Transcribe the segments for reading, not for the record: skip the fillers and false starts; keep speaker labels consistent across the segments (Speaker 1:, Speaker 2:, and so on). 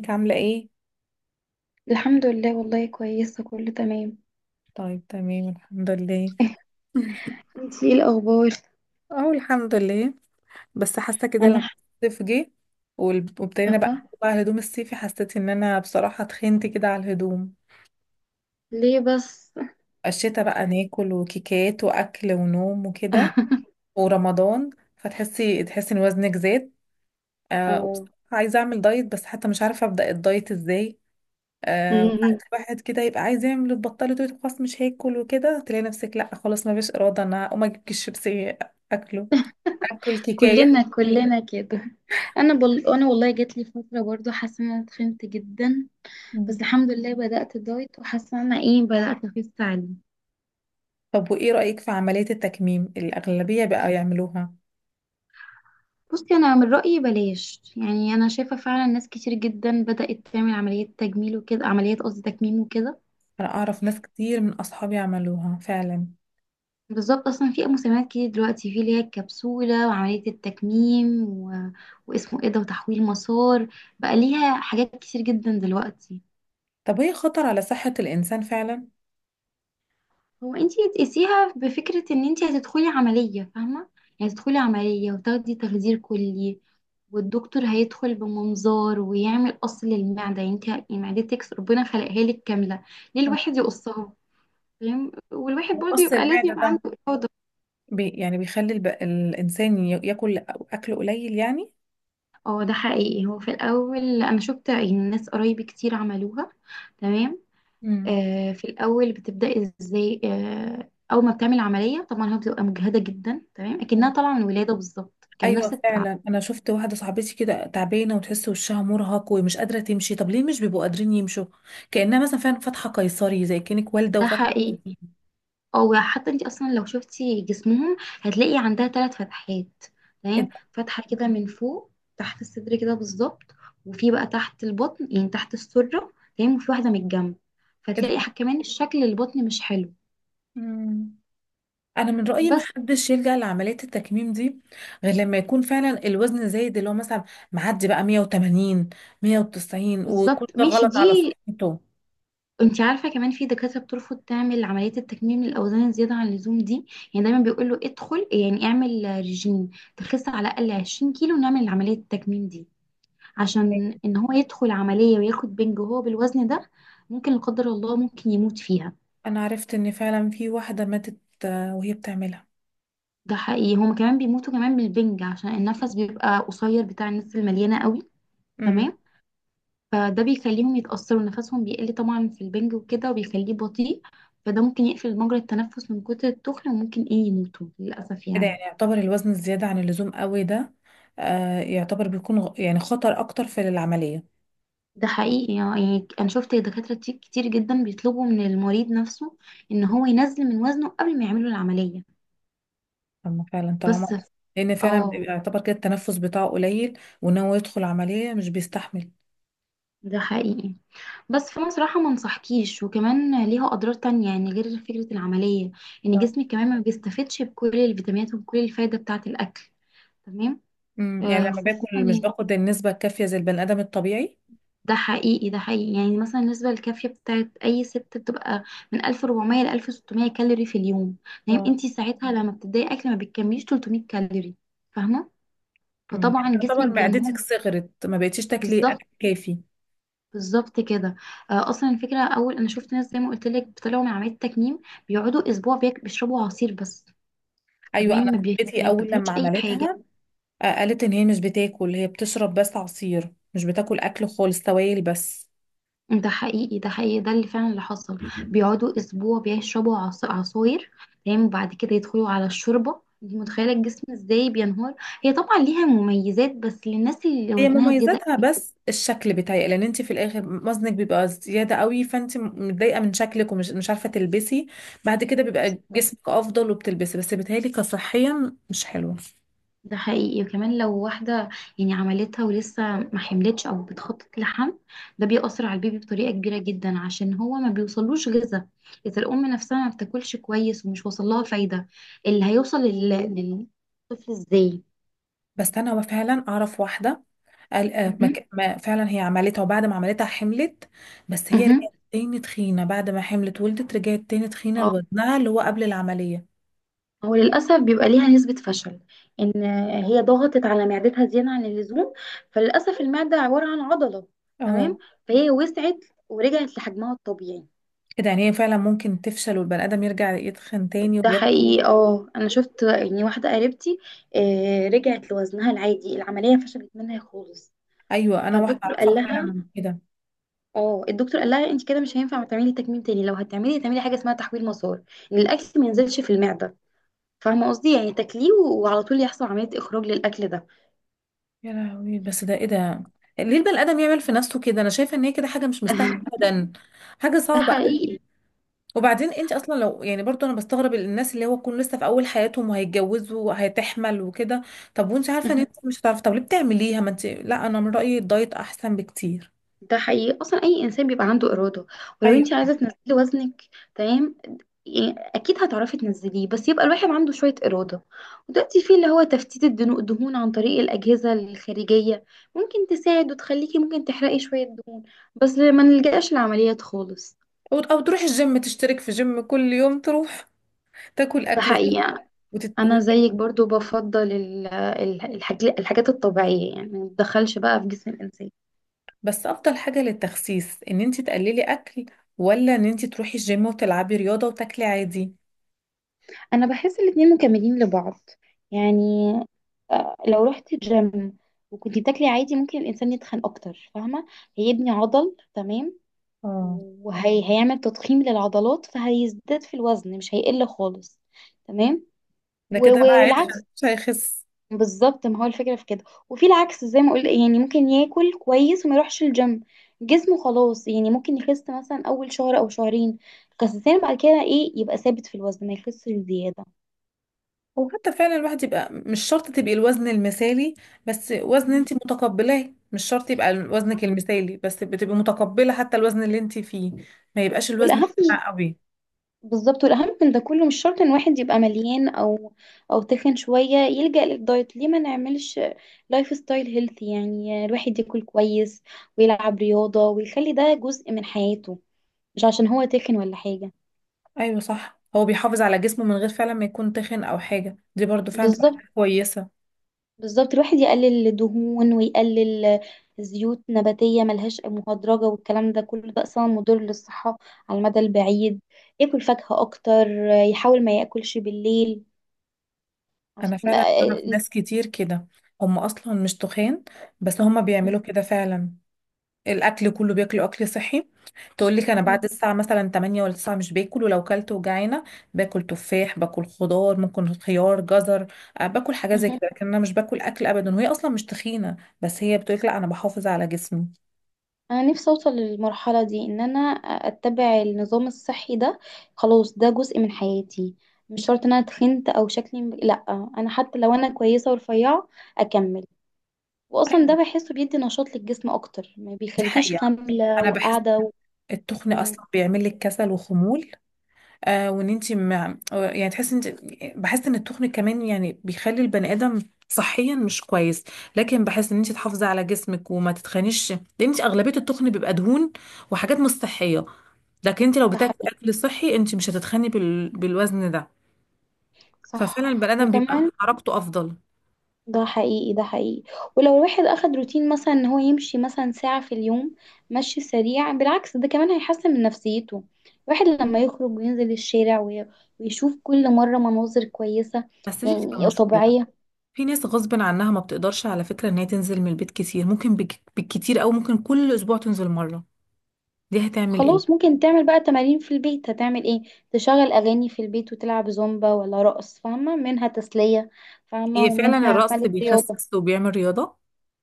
Speaker 1: ازيك عاملة ايه؟
Speaker 2: الحمد لله، والله كويسة كله تمام.
Speaker 1: طيب تمام الحمد لله.
Speaker 2: انتي ايه الأخبار؟
Speaker 1: اه الحمد لله. بس حاسة كده لما
Speaker 2: أنا
Speaker 1: الصيف جه، وابتدينا بقى
Speaker 2: حابة.
Speaker 1: بقى الهدوم الصيفي، حسيت ان انا بصراحة اتخنت كده على الهدوم.
Speaker 2: ليه بس.
Speaker 1: الشتا بقى ناكل وكيكات واكل ونوم وكده، ورمضان. فتحسي ان وزنك زاد. آه،
Speaker 2: أو.
Speaker 1: وبصراحة عايزة اعمل دايت، بس حتى مش عارفة ابدأ الدايت ازاي. آه،
Speaker 2: أمم،
Speaker 1: وساعات الواحد كده يبقى عايز يعمل البطاله، تقول خلاص مش هاكل وكده، تلاقي نفسك لا خلاص ما فيش اراده، انا اقوم اجيب كيس شيبسي. اكله. اكل كيكايه.
Speaker 2: كلنا كده. أنا والله جات لي فترة برضو حاسة إن أنا اتخنت جدا. بس
Speaker 1: مم.
Speaker 2: الحمد لله بدأت الدايت وحاسة إن أنا إيه بدأت أخس عليه.
Speaker 1: طب وايه رايك في عمليه التكميم، الاغلبيه بقى يعملوها؟
Speaker 2: بصي، أنا من رأيي بلاش يعني، أنا شايفة فعلا ناس كتير جدا بدأت تعمل عمليات تجميل وكده، عمليات قصدي تكميم وكده.
Speaker 1: انا اعرف ناس كتير من اصحابي عملوها فعلا.
Speaker 2: بالظبط، اصلا في مسميات كتير دلوقتي، في اللي هي الكبسوله وعمليه التكميم واسمه ايه ده، وتحويل مسار. بقى ليها حاجات كتير جدا دلوقتي.
Speaker 1: طب هي خطر على صحه الانسان فعلا؟
Speaker 2: هو انتي تقيسيها بفكره ان انتي هتدخلي عمليه، فاهمه؟ يعني تدخلي عمليه وتاخدي تخدير كلي، والدكتور هيدخل بمنظار ويعمل قص للمعده. يعني انتي معدتك ربنا خلقها لك كامله، ليه
Speaker 1: آه.
Speaker 2: الواحد يقصها؟ فاهم. والواحد برضه
Speaker 1: مقص
Speaker 2: يبقى لازم
Speaker 1: المعده
Speaker 2: يبقى
Speaker 1: ده
Speaker 2: عنده.
Speaker 1: يعني بيخلي الانسان ياكل اكل قليل يعني.
Speaker 2: اه، ده حقيقي، هو في الاول انا شفت يعني ناس قرايبي كتير عملوها. تمام.
Speaker 1: مم.
Speaker 2: في الاول بتبدأ ازاي؟ اول ما بتعمل عملية طبعا هي بتبقى مجهدة جدا، تمام، اكنها طالعة من الولادة بالظبط، كان
Speaker 1: ايوه
Speaker 2: نفس التعب.
Speaker 1: فعلا انا شفت واحده صاحبتي كده تعبانه وتحس وشها مرهق ومش قادره تمشي. طب ليه مش بيبقوا قادرين يمشوا؟ كانها مثلا فعلا فاتحه قيصري، زي كانك والده
Speaker 2: ده
Speaker 1: وفاتحه قيصري.
Speaker 2: حقيقي. او حتى انت اصلا لو شفتي جسمهم هتلاقي عندها ثلاث فتحات.
Speaker 1: ايه
Speaker 2: تمام،
Speaker 1: ده؟
Speaker 2: فتحة كده من فوق تحت الصدر كده بالظبط. وفي بقى تحت البطن يعني تحت السرة. تمام، وفي واحدة من الجنب.
Speaker 1: إيه
Speaker 2: فتلاقي
Speaker 1: ده؟
Speaker 2: كمان شكل البطن مش حلو.
Speaker 1: مم. انا من رايي ما
Speaker 2: بس.
Speaker 1: حدش يلجا لعمليه التكميم دي، غير لما يكون فعلا الوزن زايد اللي هو مثلا معدي بقى 180، 190، ويكون
Speaker 2: بالظبط،
Speaker 1: ده
Speaker 2: ماشي
Speaker 1: غلط على
Speaker 2: دي.
Speaker 1: صحته.
Speaker 2: انت عارفه، كمان في دكاتره بترفض تعمل عمليه التكميم للاوزان الزياده عن اللزوم دي. يعني دايما بيقول له ادخل يعني اعمل ريجيم، تخس على الاقل 20 كيلو ونعمل عمليه التكميم دي. عشان ان هو يدخل عمليه وياخد بنج وهو بالوزن ده، ممكن لا قدر الله ممكن يموت فيها.
Speaker 1: انا عرفت ان فعلا في واحده ماتت. آه، وهي بتعملها.
Speaker 2: ده حقيقي، هما كمان بيموتوا كمان بالبنج عشان النفس بيبقى قصير بتاع الناس المليانه قوي. تمام. فده بيخليهم يتأثروا، نفسهم بيقل طبعا في البنج وكده، وبيخليه بطيء. فده ممكن يقفل مجرى التنفس من كتر التخن، وممكن ايه يموتوا للأسف
Speaker 1: كده
Speaker 2: يعني.
Speaker 1: يعني يعتبر الوزن الزيادة عن اللزوم قوي ده؟ آه، يعتبر بيكون يعني خطر أكتر في العملية.
Speaker 2: ده حقيقي، يعني أنا شفت دكاترة كتير كتير جدا بيطلبوا من المريض نفسه إن هو ينزل من وزنه قبل ما يعملوا العملية.
Speaker 1: أما فعلا
Speaker 2: بس
Speaker 1: طالما.
Speaker 2: ف-
Speaker 1: لأن فعلا بيبقى
Speaker 2: اه
Speaker 1: يعتبر كده التنفس بتاعه قليل، وإن هو يدخل عملية مش بيستحمل.
Speaker 2: ده حقيقي. بس فانا صراحه ما انصحكيش، وكمان ليها اضرار تانية يعني، غير فكره العمليه، ان
Speaker 1: اه.
Speaker 2: جسمك كمان ما بيستفدش بكل الفيتامينات وبكل الفايده بتاعه الاكل. تمام.
Speaker 1: يعني
Speaker 2: آه،
Speaker 1: لما باكل مش
Speaker 2: خصوصا.
Speaker 1: باخد النسبة الكافية زي البني آدم الطبيعي.
Speaker 2: ده حقيقي ده حقيقي، يعني مثلا النسبة الكافية بتاعت أي ست بتبقى من 1400 ل 1600 كالوري في اليوم. يعني
Speaker 1: اه.
Speaker 2: انتي ساعتها لما بتبدأي أكل ما بتكمليش 300 كالوري، فاهمة؟
Speaker 1: يعني
Speaker 2: فطبعا جسمك
Speaker 1: تعتبر
Speaker 2: بينهار.
Speaker 1: معدتك صغرت، ما بقتيش تاكلي
Speaker 2: بالظبط،
Speaker 1: أكل كافي.
Speaker 2: بالظبط كده. اصلا الفكره، اول انا شفت ناس زي ما قلت لك بيطلعوا من عمليه التكميم، بيقعدوا اسبوع بيشربوا عصير بس.
Speaker 1: أيوة،
Speaker 2: تمام،
Speaker 1: أنا كنتي
Speaker 2: ما
Speaker 1: أول
Speaker 2: بياكلوش
Speaker 1: لما
Speaker 2: اي حاجه.
Speaker 1: عملتها. آه، قالت إن هي مش بتاكل، هي بتشرب بس عصير، مش بتاكل أكل خالص، سوائل بس.
Speaker 2: ده حقيقي ده حقيقي، ده اللي فعلا اللي حصل. بيقعدوا اسبوع بيشربوا عصاير. تمام، وبعد كده يدخلوا على الشوربه. انت متخيله الجسم ازاي بينهار؟ هي طبعا ليها مميزات بس للناس اللي
Speaker 1: هي
Speaker 2: وزنها زياده
Speaker 1: مميزاتها
Speaker 2: قوي.
Speaker 1: بس الشكل بتاعي، لان انت في الاخر وزنك بيبقى زياده قوي، فانت متضايقه من شكلك ومش مش عارفه تلبسي. بعد كده بيبقى
Speaker 2: بالظبط.
Speaker 1: جسمك افضل وبتلبسي، بس بيتهيألي كصحيا مش حلوه.
Speaker 2: ده حقيقي، وكمان لو واحده يعني عملتها ولسه ما حملتش او بتخطط لحمل، ده بيأثر على البيبي بطريقه كبيره جدا عشان هو ما بيوصلوش غذاء. اذا الام نفسها ما بتاكلش كويس ومش واصل لها فايده، اللي هيوصل للطفل ازاي؟
Speaker 1: بس انا فعلا اعرف واحده. قال آه،
Speaker 2: مهم.
Speaker 1: فعلا هي عملتها وبعد ما عملتها حملت. بس هي
Speaker 2: مهم.
Speaker 1: رجعت تاني تخينه، بعد ما حملت ولدت رجعت تاني تخينه
Speaker 2: اه
Speaker 1: لوزنها اللي هو قبل العمليه.
Speaker 2: هو للأسف بيبقى ليها نسبة فشل، إن هي ضغطت على معدتها زيادة عن اللزوم. فللأسف المعدة عبارة عن عضلة،
Speaker 1: اه.
Speaker 2: تمام، فهي وسعت ورجعت لحجمها الطبيعي.
Speaker 1: كده يعني هي فعلا ممكن تفشل، والبني ادم يرجع يتخن تاني
Speaker 2: ده
Speaker 1: وياكل؟
Speaker 2: حقيقي. اه أنا شفت يعني واحدة قريبتي، رجعت لوزنها العادي، العملية فشلت منها خالص.
Speaker 1: ايوه، انا واحده
Speaker 2: فالدكتور قال
Speaker 1: اعرفها فعلا
Speaker 2: لها
Speaker 1: من كده.
Speaker 2: اه الدكتور قال لها انت كده مش هينفع تعملي تكميم تاني، لو هتعملي تعملي حاجة اسمها تحويل مسار، إن الأكل ما ينزلش في المعدة. فاهمة قصدي؟ يعني تاكليه وعلى طول يحصل عملية إخراج للأكل ده.
Speaker 1: يا لهوي، بس ده ايه ده؟ ليه البني ادم يعمل في نفسه كده؟ انا شايفه ان هي كده حاجه مش مستاهله ابدا. حاجه
Speaker 2: ده
Speaker 1: صعبه قوي.
Speaker 2: حقيقي.
Speaker 1: وبعدين انت اصلا لو يعني برضو انا بستغرب الناس اللي هو يكون لسه في اول حياتهم وهيتجوزوا وهتحمل وكده. طب وانت عارفه ان انت
Speaker 2: مهم.
Speaker 1: مش هتعرفي. طب ليه بتعمليها؟ ما انت، لا انا من رايي الدايت احسن بكتير.
Speaker 2: ده حقيقي، اصلا اي انسان بيبقى عنده اراده. ولو انت
Speaker 1: ايوه.
Speaker 2: عايزه تنزلي وزنك، تمام، يعني اكيد هتعرفي تنزليه، بس يبقى الواحد عنده شويه اراده. ودلوقتي في اللي هو تفتيت الدهون عن طريق الاجهزه الخارجيه، ممكن تساعد وتخليكي ممكن تحرقي شويه دهون، بس ما نلجأش لعمليات خالص.
Speaker 1: أو تروح الجيم، تشترك في جيم كل يوم تروح. تاكل
Speaker 2: ده
Speaker 1: اكل صح.
Speaker 2: حقيقي.
Speaker 1: وتت...
Speaker 2: انا
Speaker 1: وت...
Speaker 2: زيك برضو بفضل الحاجات الطبيعيه، يعني ما تدخلش بقى في جسم الانسان.
Speaker 1: بس افضل حاجه للتخسيس ان انت تقللي اكل، ولا ان انت تروحي الجيم وتلعبي رياضه وتاكلي عادي؟
Speaker 2: انا بحس الاتنين مكملين لبعض، يعني آه، لو رحت جيم وكنت بتاكلي عادي ممكن الانسان يتخن اكتر، فاهمه؟ هيبني عضل، تمام،
Speaker 1: اه.
Speaker 2: وهيعمل تضخيم للعضلات فهيزداد في الوزن، مش هيقل خالص. تمام.
Speaker 1: ده كده بقى هيتخن
Speaker 2: والعكس،
Speaker 1: مش هيخس.
Speaker 2: بالظبط، ما هو الفكره في كده. وفي العكس زي ما قلت يعني، ممكن ياكل كويس وما يروحش الجيم، جسمه خلاص يعني ممكن يخس مثلا اول شهر او شهرين، خسسان، بعد كده ايه يبقى ثابت في الوزن، ما يخسش زياده.
Speaker 1: وحتى فعلا الواحد يبقى مش شرط تبقي الوزن المثالي، بس وزن
Speaker 2: مهم.
Speaker 1: انت متقبلاه، مش شرط يبقى وزنك المثالي، بس بتبقي متقبلة حتى الوزن اللي انت فيه. ما يبقاش الوزن
Speaker 2: والاهم.
Speaker 1: بتاع قوي.
Speaker 2: بالظبط، والاهم من ده كله، مش شرط ان واحد يبقى مليان او او تخن شويه يلجأ للدايت. ليه ما نعملش لايف ستايل هيلثي؟ يعني الواحد ياكل كويس ويلعب رياضه ويخلي ده جزء من حياته، مش عشان هو تخن ولا حاجه.
Speaker 1: ايوه صح، هو بيحافظ على جسمه من غير فعلا ما يكون تخن او حاجة، دي برضو فعلا تبقى
Speaker 2: بالظبط،
Speaker 1: حاجة كويسة.
Speaker 2: بالظبط. الواحد يقلل الدهون ويقلل زيوت نباتيه ملهاش مهدرجه والكلام ده كله، ده اصلا مضر للصحه على المدى البعيد. ياكل فاكهه اكتر، يحاول ما ياكلش بالليل
Speaker 1: انا
Speaker 2: عشان.
Speaker 1: فعلا اعرف ناس كتير كده. هم اصلا مش تخان. بس هم بيعملوا كده فعلا. الاكل كله بياكلوا اكل صحي. تقول لك انا بعد الساعه مثلا 8 ولا 9 مش باكل، ولو كلت وجعانه. باكل تفاح، باكل خضار، ممكن خيار، جزر. آه، باكل حاجات زي
Speaker 2: لا.
Speaker 1: كده، لكن انا مش باكل اكل ابدا وهي اصلا مش تخينه. بس هي بتقول لك لا، انا بحافظ على جسمي.
Speaker 2: انا نفسي اوصل للمرحله دي، ان انا اتبع النظام الصحي ده، خلاص ده جزء من حياتي. مش شرط ان انا تخنت او شكلي لا، انا حتى لو انا كويسه ورفيعه اكمل. واصلا ده
Speaker 1: ايوه،
Speaker 2: بحسه بيدي نشاط للجسم اكتر، ما
Speaker 1: دي
Speaker 2: بيخليكيش
Speaker 1: حقيقه.
Speaker 2: خامله
Speaker 1: انا بحس.
Speaker 2: وقاعده و...
Speaker 1: التخن
Speaker 2: مم،
Speaker 1: اصلا بيعمل لك كسل وخمول. آه، وان انت يعني تحس انت. بحس ان التخن كمان يعني بيخلي البني ادم صحيا مش كويس. لكن بحس ان انت تحافظي على جسمك وما تتخنيش، لان انت اغلبيه التخن بيبقى دهون وحاجات مش صحيه. لكن انت لو
Speaker 2: ده
Speaker 1: بتاكلي
Speaker 2: حقيقي.
Speaker 1: اكل صحي انت مش هتتخني بالوزن ده. ففعلا
Speaker 2: صح.
Speaker 1: البني ادم بيبقى
Speaker 2: وكمان
Speaker 1: حركته افضل.
Speaker 2: ده حقيقي ده حقيقي، ولو الواحد اخد روتين مثلا ان هو يمشي مثلا ساعة في اليوم مشي سريع، بالعكس ده كمان هيحسن من نفسيته. الواحد لما يخرج وينزل الشارع ويشوف كل مرة مناظر كويسة،
Speaker 1: بس دي بتبقى
Speaker 2: يعني
Speaker 1: مشكله.
Speaker 2: طبيعية.
Speaker 1: في ناس غصب عنها ما بتقدرش على فكره ان هي تنزل من البيت كتير، ممكن بالكتير، او ممكن كل اسبوع تنزل مره. دي هتعمل ايه؟
Speaker 2: خلاص ممكن تعمل بقى تمارين في البيت. هتعمل ايه؟ تشغل اغاني في البيت وتلعب زومبا ولا رقص، فاهمة؟ منها تسلية فاهمة،
Speaker 1: هي فعلا
Speaker 2: ومنها
Speaker 1: الرقص
Speaker 2: عملت رياضة.
Speaker 1: بيخسس وبيعمل رياضه.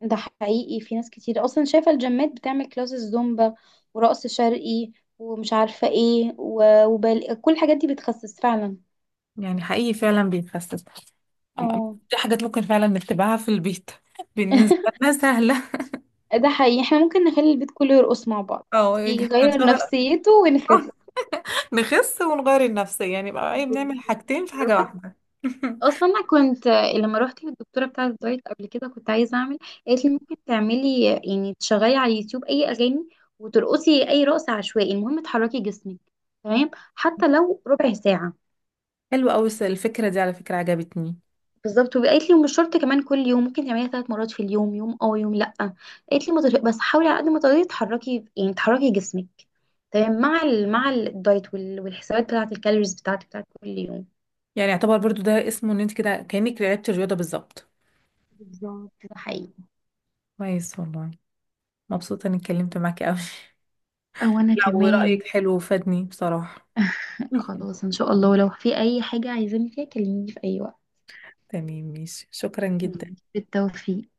Speaker 2: ده حقيقي، في ناس كتير اصلا شايفه الجيمات بتعمل كلاسز زومبا ورقص شرقي ومش عارفه ايه، كل الحاجات دي بتخسس فعلا.
Speaker 1: يعني حقيقي فعلا بيخسس. أم- أم-
Speaker 2: اه
Speaker 1: دي حاجات ممكن فعلا نتبعها في البيت. بالنسبه لنا سهله.
Speaker 2: ده حقيقي، احنا ممكن نخلي البيت كله يرقص مع بعض،
Speaker 1: او
Speaker 2: يغير
Speaker 1: نشغل
Speaker 2: نفسيته
Speaker 1: أطفال،
Speaker 2: ونخس.
Speaker 1: نخس ونغير النفسيه، يعني بقى ايه، بنعمل حاجتين في حاجه واحده.
Speaker 2: اصلا انا كنت لما روحت للدكتوره بتاعه الدايت قبل كده كنت عايزه اعمل، قالت لي ممكن تعملي يعني تشغلي على اليوتيوب اي اغاني وترقصي اي رقص عشوائي، المهم تحركي جسمك. تمام، حتى لو ربع ساعه.
Speaker 1: حلو قوي الفكرة دي، على فكرة عجبتني.
Speaker 2: بالظبط. وقالت لي ومش شرط كمان كل يوم، ممكن تعمليها ثلاث مرات في اليوم، يوم اه يوم لا. قالت لي ما تغ- بس حاولي على قد ما تقدري تحركي، يعني تحركي جسمك. تمام، مع مع الدايت والحسابات بتاعه الكالوريز بتاعتك بتاعت كل يوم.
Speaker 1: يعني يعتبر برضو ده اسمه ان انت كده كأنك لعبت الرياضة بالظبط.
Speaker 2: بالظبط. ده حقيقي.
Speaker 1: كويس والله. مبسوطة اني اتكلمت معاكي قوي.
Speaker 2: او انا
Speaker 1: لا،
Speaker 2: كمان.
Speaker 1: ورأيك حلو وفادني بصراحة.
Speaker 2: خلاص ان شاء الله لو في اي حاجه عايزاني فيها كلميني في اي وقت.
Speaker 1: تمام ماشي، شكرا جدا.
Speaker 2: مم. بالتوفيق.